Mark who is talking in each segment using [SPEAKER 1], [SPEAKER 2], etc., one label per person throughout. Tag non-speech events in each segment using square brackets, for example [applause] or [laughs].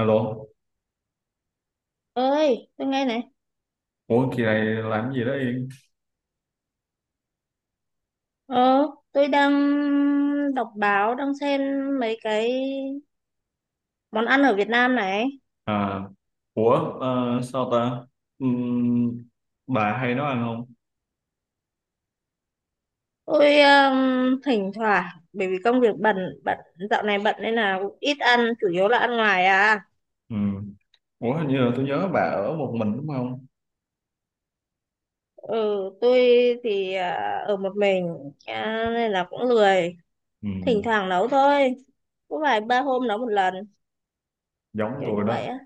[SPEAKER 1] Alo,
[SPEAKER 2] Ơi tôi nghe này.
[SPEAKER 1] ủa kỳ này làm gì đó Yên?
[SPEAKER 2] Ờ, tôi đang đọc báo, đang xem mấy cái món ăn ở Việt Nam này.
[SPEAKER 1] À, ủa, sao ta? Ừm, bà hay nấu ăn không?
[SPEAKER 2] Tôi thỉnh thoảng, bởi vì công việc bận, bận dạo này bận nên là cũng ít ăn, chủ yếu là ăn ngoài à.
[SPEAKER 1] Ừm, Ủa hình như là tôi nhớ bà ở một mình đúng không?
[SPEAKER 2] Ừ, tôi thì ở một mình, à, nên là cũng lười, thỉnh
[SPEAKER 1] Ừm.
[SPEAKER 2] thoảng nấu thôi, có vài ba hôm nấu một lần,
[SPEAKER 1] Giống
[SPEAKER 2] kiểu
[SPEAKER 1] tôi
[SPEAKER 2] như
[SPEAKER 1] đó,
[SPEAKER 2] vậy á.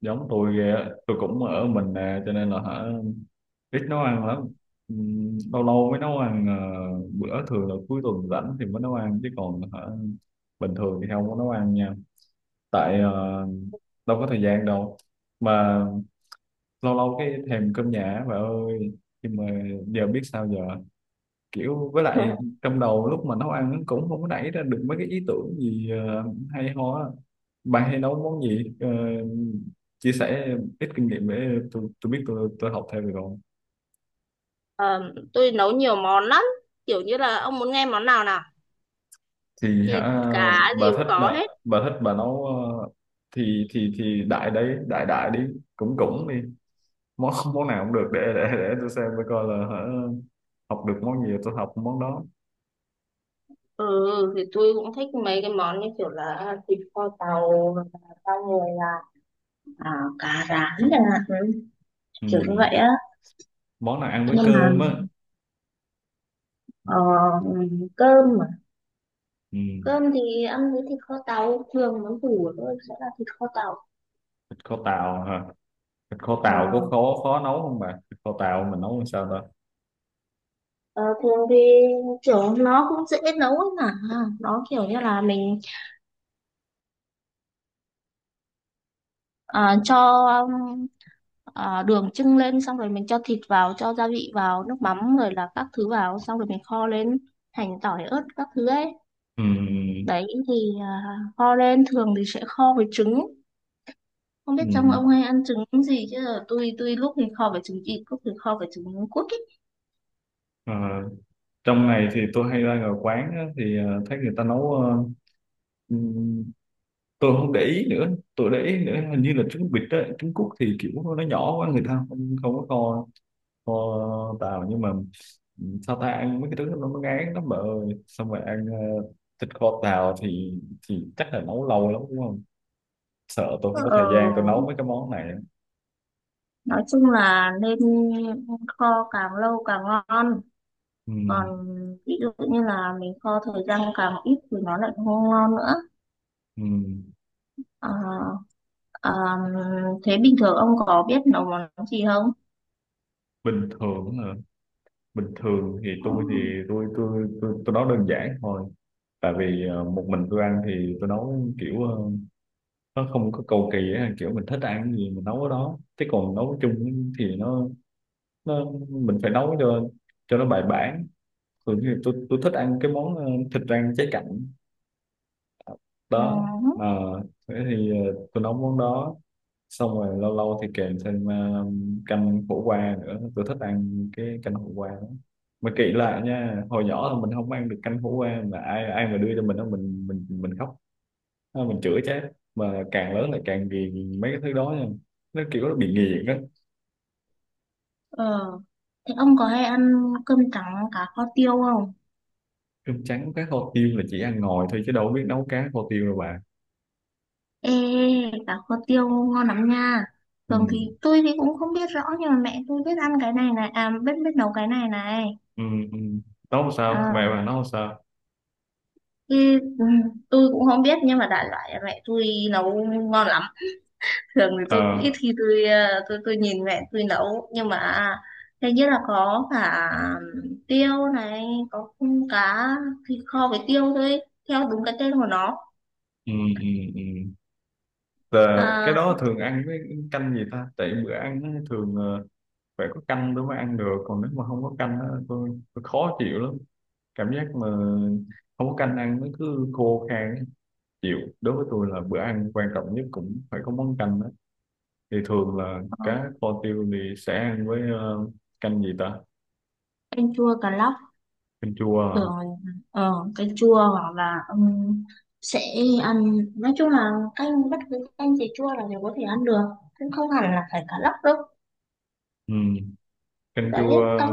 [SPEAKER 1] giống tôi ghê á. Tôi cũng ở mình nè, cho nên là hả ít nấu ăn lắm. Lâu lâu mới nấu ăn, bữa thường là cuối tuần rảnh thì mới nấu ăn, chứ còn hả bình thường thì không có nấu ăn nha. Tại đâu có thời gian đâu. Mà lâu lâu cái thèm cơm nhà bà ơi, nhưng mà giờ biết sao giờ, kiểu với lại
[SPEAKER 2] [laughs]
[SPEAKER 1] trong đầu lúc mà nấu ăn nó cũng không có nảy ra được mấy cái ý tưởng gì hay ho á. Bạn hay nấu món gì? Ờ, Chia sẻ ít kinh nghiệm để tôi biết, tôi học theo được không?
[SPEAKER 2] Ờ, tôi nấu nhiều món lắm, kiểu như là ông muốn nghe món nào nào?
[SPEAKER 1] Thì
[SPEAKER 2] Thịt
[SPEAKER 1] hả
[SPEAKER 2] cá gì
[SPEAKER 1] bà
[SPEAKER 2] cũng
[SPEAKER 1] thích,
[SPEAKER 2] có hết.
[SPEAKER 1] bà thích bà nấu, thì đại đấy đại đại đi, cũng cũng đi, món món nào cũng được, để tôi xem tôi coi là hả học được món gì tôi học món đó.
[SPEAKER 2] Ừ, thì tôi cũng thích mấy cái món như kiểu là thịt kho tàu hoặc là rau người là, à, cá rán chẳng hạn, ừ,
[SPEAKER 1] Ừ.
[SPEAKER 2] kiểu như vậy á.
[SPEAKER 1] Món nào ăn với
[SPEAKER 2] Nhưng mà
[SPEAKER 1] cơm á?
[SPEAKER 2] ờ, cơm mà,
[SPEAKER 1] Ừ.
[SPEAKER 2] cơm thì ăn với thịt kho tàu, thường món củ của tôi sẽ là thịt kho tàu.
[SPEAKER 1] Thịt kho tàu hả? Thịt kho
[SPEAKER 2] Ờ,
[SPEAKER 1] tàu có khó khó nấu không bà? Thịt kho tàu mình nấu làm sao ta?
[SPEAKER 2] ờ, thường thì kiểu nó cũng dễ nấu ấy mà, nó kiểu như là mình, à, cho, um, à, đường chưng lên, xong rồi mình cho thịt vào, cho gia vị vào, nước mắm rồi là các thứ vào, xong rồi mình kho lên, hành tỏi ớt các thứ ấy.
[SPEAKER 1] Ừ.
[SPEAKER 2] Đấy thì à, kho lên thường thì sẽ kho với trứng. Không biết
[SPEAKER 1] Ừ.
[SPEAKER 2] trong ông hay ăn trứng gì chứ là tôi lúc thì kho với trứng vịt, lúc thì kho với trứng cút ấy.
[SPEAKER 1] Ờ, trong này thì tôi hay ra ngoài quán á, thì thấy người ta nấu, ừ, tôi không để ý nữa, tôi để ý nữa hình như là trứng vịt á trứng cút thì kiểu nó nhỏ quá người ta không không có kho, kho tàu nhưng mà, sao ta, ăn mấy cái thứ nó ngán lắm bà ơi, xong rồi ăn thịt kho tàu thì chắc là nấu lâu lắm đúng không, sợ tôi không có
[SPEAKER 2] Ờ,
[SPEAKER 1] thời gian tôi nấu mấy cái món này.
[SPEAKER 2] nói chung là nên kho càng lâu càng ngon,
[SPEAKER 1] Ừ.
[SPEAKER 2] còn ví dụ như là mình kho thời gian càng ít thì nó lại không ngon nữa.
[SPEAKER 1] Ừ.
[SPEAKER 2] Ờ, ờ, thế bình thường ông có biết nấu món gì không?
[SPEAKER 1] Bình thường hả? Bình thường thì tôi nấu đơn giản thôi, tại vì một mình tôi ăn thì tôi nấu kiểu nó không có cầu kỳ á, kiểu mình thích ăn cái gì mình nấu cái đó, chứ còn nấu chung thì nó mình phải nấu cho nó bài bản. Thường thì tôi thích ăn cái món thịt rang cháy cạnh
[SPEAKER 2] Ừ.
[SPEAKER 1] đó, mà thế thì tôi nấu món đó, xong rồi lâu lâu thì kèm thêm canh khổ qua nữa, tôi thích ăn cái canh khổ qua lắm. Mà kỹ lại nha, hồi nhỏ là mình không ăn được canh khổ qua mà ai ai mà đưa cho mình đó mình khóc. Ờ, mình chửi chết mà càng lớn lại càng ghiền mấy cái thứ đó nha, nó kiểu nó bị nghiện á.
[SPEAKER 2] Ờ. Thế ông có hay ăn cơm trắng cá kho tiêu không?
[SPEAKER 1] Cơm trắng cá kho tiêu là chỉ ăn ngồi thôi chứ đâu biết nấu cá kho tiêu đâu bà.
[SPEAKER 2] Ê, cá kho tiêu ngon lắm nha.
[SPEAKER 1] Ừ.
[SPEAKER 2] Thường thì tôi thì cũng không biết rõ, nhưng mà mẹ tôi biết ăn cái này này, à biết, biết nấu cái này này.
[SPEAKER 1] Ừ. Ừ. Nấu làm sao,
[SPEAKER 2] À,
[SPEAKER 1] mẹ bà nấu làm sao?
[SPEAKER 2] thì, ừ, tôi cũng không biết, nhưng mà đại loại là mẹ tôi nấu ngon lắm. Thường thì tôi cũng ít
[SPEAKER 1] Ờ.
[SPEAKER 2] khi tôi ờ, tôi nhìn mẹ tôi nấu, nhưng mà thế nhất là có cả tiêu này, có cung cá, thịt kho với tiêu thôi, theo đúng cái tên của nó.
[SPEAKER 1] Ừ. Ừ. Ừ. Là cái
[SPEAKER 2] À,
[SPEAKER 1] đó thường ăn với canh gì ta? Tại bữa ăn nó thường phải có canh tôi mới ăn được, còn nếu mà không có canh á, tôi khó chịu lắm. Cảm giác mà không có canh ăn nó cứ khô khan á. Chịu, đối với tôi là bữa ăn quan trọng nhất cũng phải có món canh đó. Thì thường là
[SPEAKER 2] có
[SPEAKER 1] cá kho tiêu thì sẽ ăn với canh gì ta?
[SPEAKER 2] canh chua cà lóc,
[SPEAKER 1] Canh chua à?
[SPEAKER 2] rồi ờ, canh chua hoặc là sẽ ăn, nói chung là canh bất cứ canh gì chua là đều có thể ăn được, cũng không hẳn là phải cà lóc đâu.
[SPEAKER 1] Ừ. Canh
[SPEAKER 2] Đấy,
[SPEAKER 1] chua.
[SPEAKER 2] canh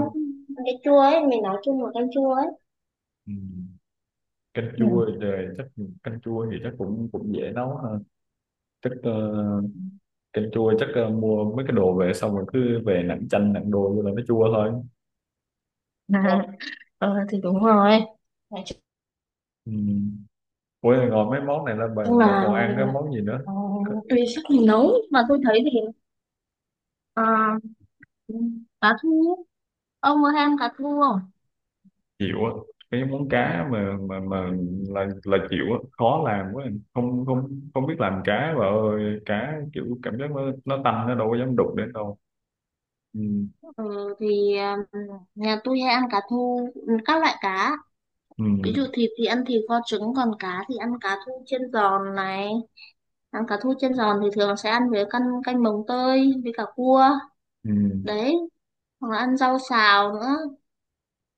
[SPEAKER 2] cái chua ấy, mình nói chung là canh chua ấy.
[SPEAKER 1] Ừ. canh chua
[SPEAKER 2] Ừ.
[SPEAKER 1] thì chắc Canh chua thì chắc cũng cũng dễ nấu ha, chắc canh chua chắc mua mấy cái đồ về xong rồi cứ về nặn chanh nặn đồ vô là nó chua thôi.
[SPEAKER 2] [laughs] À, ờ thì đúng rồi. Nói
[SPEAKER 1] Ừ. Ủa ngồi mấy món này là bà,
[SPEAKER 2] nhưng
[SPEAKER 1] bà còn
[SPEAKER 2] mà
[SPEAKER 1] ăn cái món gì nữa?
[SPEAKER 2] ờ,
[SPEAKER 1] C-
[SPEAKER 2] tùy sức mình nấu mà tôi thấy thì ờ, cá thu, ông có hay ăn cá thu không?
[SPEAKER 1] Chịu á, cái món cá mà là chịu á, khó làm quá, không không không biết làm cá bà ơi, cá kiểu cảm giác nó tanh nó đâu có dám đụng đến đâu. Ừ.
[SPEAKER 2] Ừ, thì ờ, nhà tôi hay ăn cá thu, các loại cá,
[SPEAKER 1] Ừ.
[SPEAKER 2] ví dụ thịt thì ăn thịt kho trứng, còn cá thì ăn cá thu chiên giòn này. Ăn cá thu chiên giòn thì thường sẽ ăn với canh, canh mồng tơi với cả cua.
[SPEAKER 1] Ừ.
[SPEAKER 2] Đấy, hoặc là ăn rau xào nữa.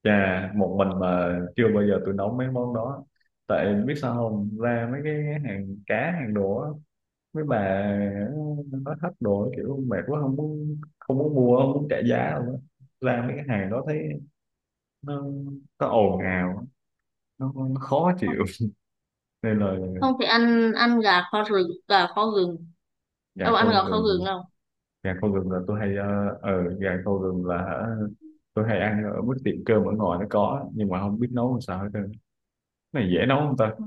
[SPEAKER 1] Chà, một mình mà chưa bao giờ tôi nấu mấy món đó. Tại biết sao không, ra mấy cái hàng cá hàng đồ á, mấy bà nó thách đồ kiểu mệt quá không muốn mua, không muốn trả giá đâu á. Ra mấy cái hàng đó thấy nó có ồn ào, nó khó chịu nên là.
[SPEAKER 2] Không thì ăn, ăn gà kho rừng, gà kho gừng.
[SPEAKER 1] gà
[SPEAKER 2] Ông
[SPEAKER 1] kho
[SPEAKER 2] ăn gà kho gừng
[SPEAKER 1] gừng
[SPEAKER 2] không?
[SPEAKER 1] Gà kho gừng là tôi hay gà kho gừng là hả, tôi hay ăn ở mức tiệm cơm ở ngoài nó có, nhưng mà không biết nấu làm sao hết trơn. Cái này dễ nấu không ta?
[SPEAKER 2] Ừ.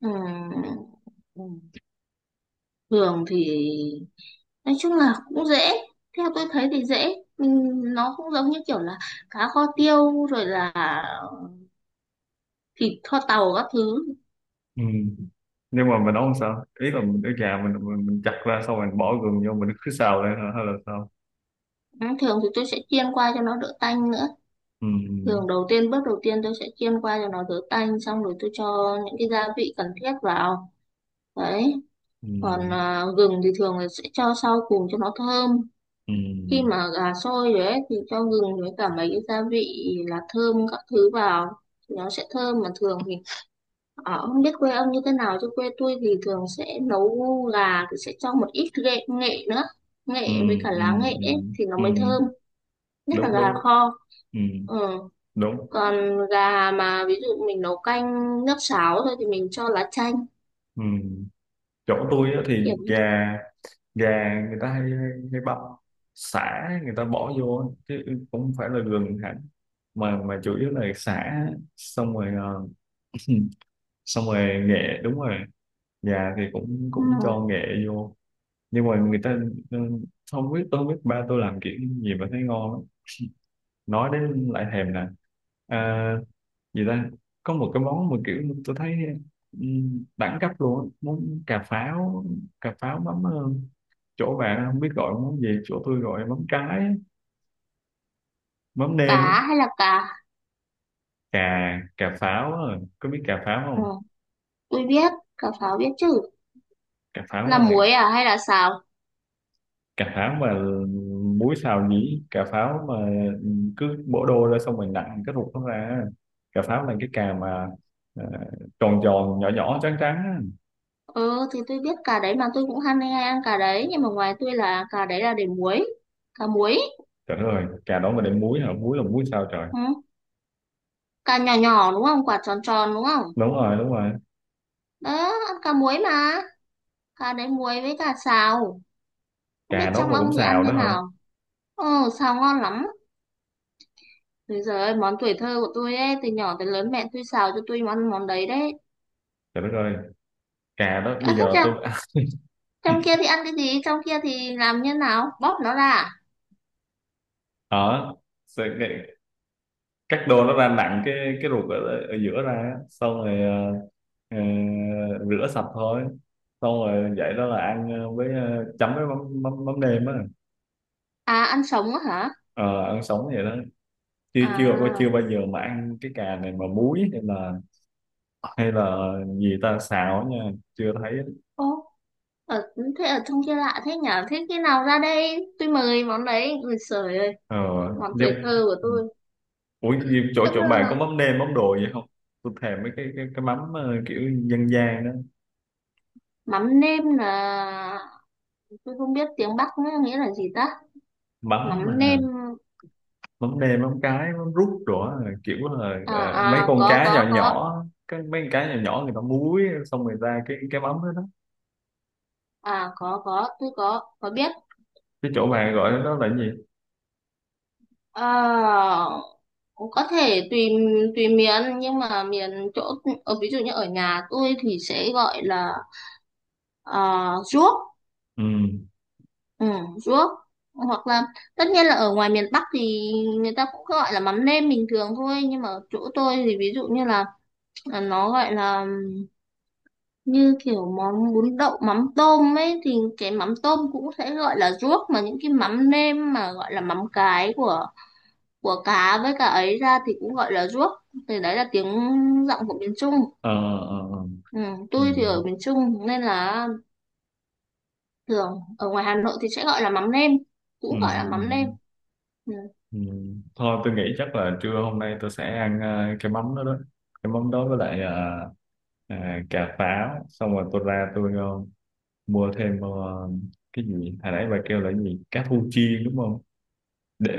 [SPEAKER 2] Ừ. Ừ. Thường thì nói chung là cũng dễ, theo tôi thấy thì dễ, mình nó cũng giống như kiểu là cá kho tiêu rồi là thịt kho tàu các thứ.
[SPEAKER 1] Ừ. Nhưng mà mình nấu làm sao, ý là mình cái gà mình chặt ra xong rồi mình bỏ gừng vô mình cứ xào lên hả? Hay là sao?
[SPEAKER 2] Ừ, thường thì tôi sẽ chiên qua cho nó đỡ tanh nữa.
[SPEAKER 1] Ừ.
[SPEAKER 2] Thường đầu tiên, bước đầu tiên tôi sẽ chiên qua cho nó đỡ tanh, xong rồi tôi cho những cái gia vị cần thiết vào. Đấy,
[SPEAKER 1] Ừ.
[SPEAKER 2] còn à, gừng thì thường là sẽ cho sau cùng cho nó thơm.
[SPEAKER 1] Ừ.
[SPEAKER 2] Khi mà gà sôi rồi ấy, thì cho gừng với cả mấy cái gia vị là thơm các thứ vào, thì nó sẽ thơm. Mà thường thì ở, không biết quê ông như thế nào chứ quê tôi thì thường sẽ nấu gà thì sẽ cho một ít nghệ, nữa,
[SPEAKER 1] Ừ.
[SPEAKER 2] nghệ với cả
[SPEAKER 1] Ừ.
[SPEAKER 2] lá nghệ
[SPEAKER 1] Ừ.
[SPEAKER 2] ấy, thì nó
[SPEAKER 1] Ừ. Ừ.
[SPEAKER 2] mới thơm. Nhất là
[SPEAKER 1] Đúng
[SPEAKER 2] gà
[SPEAKER 1] đúng.
[SPEAKER 2] kho.
[SPEAKER 1] Ừ.
[SPEAKER 2] Ừ.
[SPEAKER 1] Đúng.
[SPEAKER 2] Còn gà mà ví dụ mình nấu canh nước sáo thôi thì mình cho lá chanh.
[SPEAKER 1] Ừ. Chỗ tôi
[SPEAKER 2] Ừ,
[SPEAKER 1] á thì
[SPEAKER 2] kiểu như,
[SPEAKER 1] gà gà người ta hay hay hay băm sả người ta bỏ vô á, chứ cũng không phải là gừng hẳn, mà chủ yếu là sả, xong rồi [clears throat] xong rồi nghệ đúng rồi, gà thì cũng
[SPEAKER 2] ừ,
[SPEAKER 1] cũng cho nghệ vô, nhưng mà người ta ờ, không biết, tôi không biết ba tôi làm kiểu gì mà thấy ngon lắm, nói đến lại thèm nè. À, gì ta, có một cái món mà kiểu tôi thấy đẳng cấp luôn á. Món cà pháo, cà pháo mắm chỗ bạn không biết gọi món gì, chỗ tôi gọi mắm cái á, mắm nêm á.
[SPEAKER 2] cá hay là cá,
[SPEAKER 1] Cà cà pháo á. Có biết cà pháo
[SPEAKER 2] ừ.
[SPEAKER 1] không?
[SPEAKER 2] Tôi biết cà pháo, biết chứ.
[SPEAKER 1] Cà
[SPEAKER 2] Là
[SPEAKER 1] pháo là,
[SPEAKER 2] muối à hay là xào?
[SPEAKER 1] cà pháo mà muối xào nhĩ, cà pháo mà cứ bổ đôi ra xong mình nặn cái ruột nó ra á. Cà pháo là cái cà mà ờ, tròn tròn nhỏ nhỏ trắng trắng á.
[SPEAKER 2] Ừ thì tôi biết cà đấy mà, tôi cũng ham hay ăn cà đấy, nhưng mà ngoài tôi là cà đấy là để muối, cà muối.
[SPEAKER 1] Trời đất ơi, cà đó mà đem muối hả? Muối là muối sao trời?
[SPEAKER 2] Ừ. Cà nhỏ nhỏ đúng không, quả tròn tròn đúng không?
[SPEAKER 1] Đúng rồi, đúng rồi.
[SPEAKER 2] Đó, ăn cà muối mà, cà đấy muối với cà xào. Không
[SPEAKER 1] Cà
[SPEAKER 2] biết
[SPEAKER 1] đó
[SPEAKER 2] trong
[SPEAKER 1] mà
[SPEAKER 2] ông
[SPEAKER 1] cũng
[SPEAKER 2] thì ăn
[SPEAKER 1] xào đó
[SPEAKER 2] thế
[SPEAKER 1] hả?
[SPEAKER 2] nào? Ừ, xào ngon lắm. Thế giờ ơi, món tuổi thơ của tôi ấy, từ nhỏ tới lớn mẹ tôi xào cho tôi món, đấy đấy.
[SPEAKER 1] Trời đất ơi, cà đó
[SPEAKER 2] À,
[SPEAKER 1] bây
[SPEAKER 2] thích
[SPEAKER 1] giờ
[SPEAKER 2] chưa?
[SPEAKER 1] tôi
[SPEAKER 2] Trong kia thì ăn cái gì, trong kia thì làm như nào, bóp nó ra à?
[SPEAKER 1] [laughs] ở sẽ- cái- cắt đôi nó ra, nặng cái ruột ở giữa ra á. Xong rồi ờ, rửa sạch thôi. Xong rồi vậy đó là ăn với chấm với mắm mắm, mắm nêm á.
[SPEAKER 2] À, ăn sống á hả?
[SPEAKER 1] Ờ, ăn sống vậy đó. Chưa chưa chưa
[SPEAKER 2] À,
[SPEAKER 1] bao giờ mà ăn cái cà này mà muối, hay là hay là gì ta xào á nha, chưa thấy.
[SPEAKER 2] ô, ở, thế ở trong kia lạ thế nhở. Thế khi nào ra đây tôi mời món đấy, người sởi ơi,
[SPEAKER 1] Ờ,
[SPEAKER 2] món tuổi
[SPEAKER 1] nếu-
[SPEAKER 2] thơ của tôi.
[SPEAKER 1] Chỗ
[SPEAKER 2] Tức
[SPEAKER 1] chỗ
[SPEAKER 2] ra
[SPEAKER 1] bạn có
[SPEAKER 2] là
[SPEAKER 1] mắm nêm mắm đồ gì không? Tôi thèm mấy cái mắm kiểu dân gian đó,
[SPEAKER 2] mắm nêm là, tôi không biết tiếng Bắc nữa, nghĩa là gì ta?
[SPEAKER 1] mắm
[SPEAKER 2] Mắm nêm.
[SPEAKER 1] mà mắm nêm mắm cái mắm rút rồi á, kiểu là
[SPEAKER 2] À,
[SPEAKER 1] mấy con
[SPEAKER 2] có
[SPEAKER 1] cá
[SPEAKER 2] có
[SPEAKER 1] nhỏ
[SPEAKER 2] có
[SPEAKER 1] nhỏ, cái mấy con cá nhỏ nhỏ người ta muối xong rồi ra cái mắm đó đó.
[SPEAKER 2] À có tôi có biết.
[SPEAKER 1] Cái chỗ bạn gọi đó là cái gì?
[SPEAKER 2] À, có thể tùy, miền, nhưng mà miền chỗ ở, ví dụ như ở nhà tôi thì sẽ gọi là, à, ruốc.
[SPEAKER 1] Ừ.
[SPEAKER 2] Ừ, ruốc, hoặc là, tất nhiên là ở ngoài miền Bắc thì người ta cũng gọi là mắm nêm bình thường thôi, nhưng mà ở chỗ tôi thì ví dụ như là, nó gọi là, như kiểu món bún đậu mắm tôm ấy, thì cái mắm tôm cũng sẽ gọi là ruốc, mà những cái mắm nêm mà gọi là mắm cái của, cá với cả ấy ra thì cũng gọi là ruốc. Thì đấy là tiếng, giọng của miền Trung.
[SPEAKER 1] Ờ ờ ờ.
[SPEAKER 2] Ừ,
[SPEAKER 1] Ừ.
[SPEAKER 2] tôi thì ở miền Trung nên là thường ở ngoài Hà Nội thì sẽ gọi là mắm nêm,
[SPEAKER 1] Ừ.
[SPEAKER 2] cũng gọi là mắm nêm.
[SPEAKER 1] Ừ.
[SPEAKER 2] Ừ.
[SPEAKER 1] Ừ. Thôi tôi nghĩ chắc là trưa hôm nay tôi sẽ ăn cái mắm đó đó. Cái mắm đó với lại à, cà pháo, xong rồi tôi ra tôi mua thêm cái gì hồi nãy bà kêu là cái gì, cá thu chiên đúng không,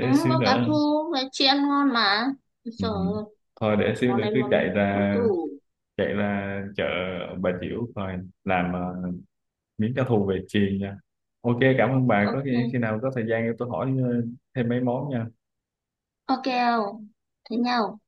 [SPEAKER 2] Ừ,
[SPEAKER 1] xíu
[SPEAKER 2] có cá
[SPEAKER 1] nữa.
[SPEAKER 2] thu với chị ăn ngon mà.
[SPEAKER 1] Ừ.
[SPEAKER 2] Rồi,
[SPEAKER 1] Thôi để xíu
[SPEAKER 2] món
[SPEAKER 1] nữa
[SPEAKER 2] này
[SPEAKER 1] cứ
[SPEAKER 2] món,
[SPEAKER 1] chạy ra
[SPEAKER 2] tủ.
[SPEAKER 1] chạy ra chợ Bà Chiểu coi làm miếng cá thu về chiên nha. OK, cảm ơn bà, khi
[SPEAKER 2] Ok.
[SPEAKER 1] nào có thời gian tôi hỏi thêm mấy món nha.
[SPEAKER 2] Ok không? Thế nhau.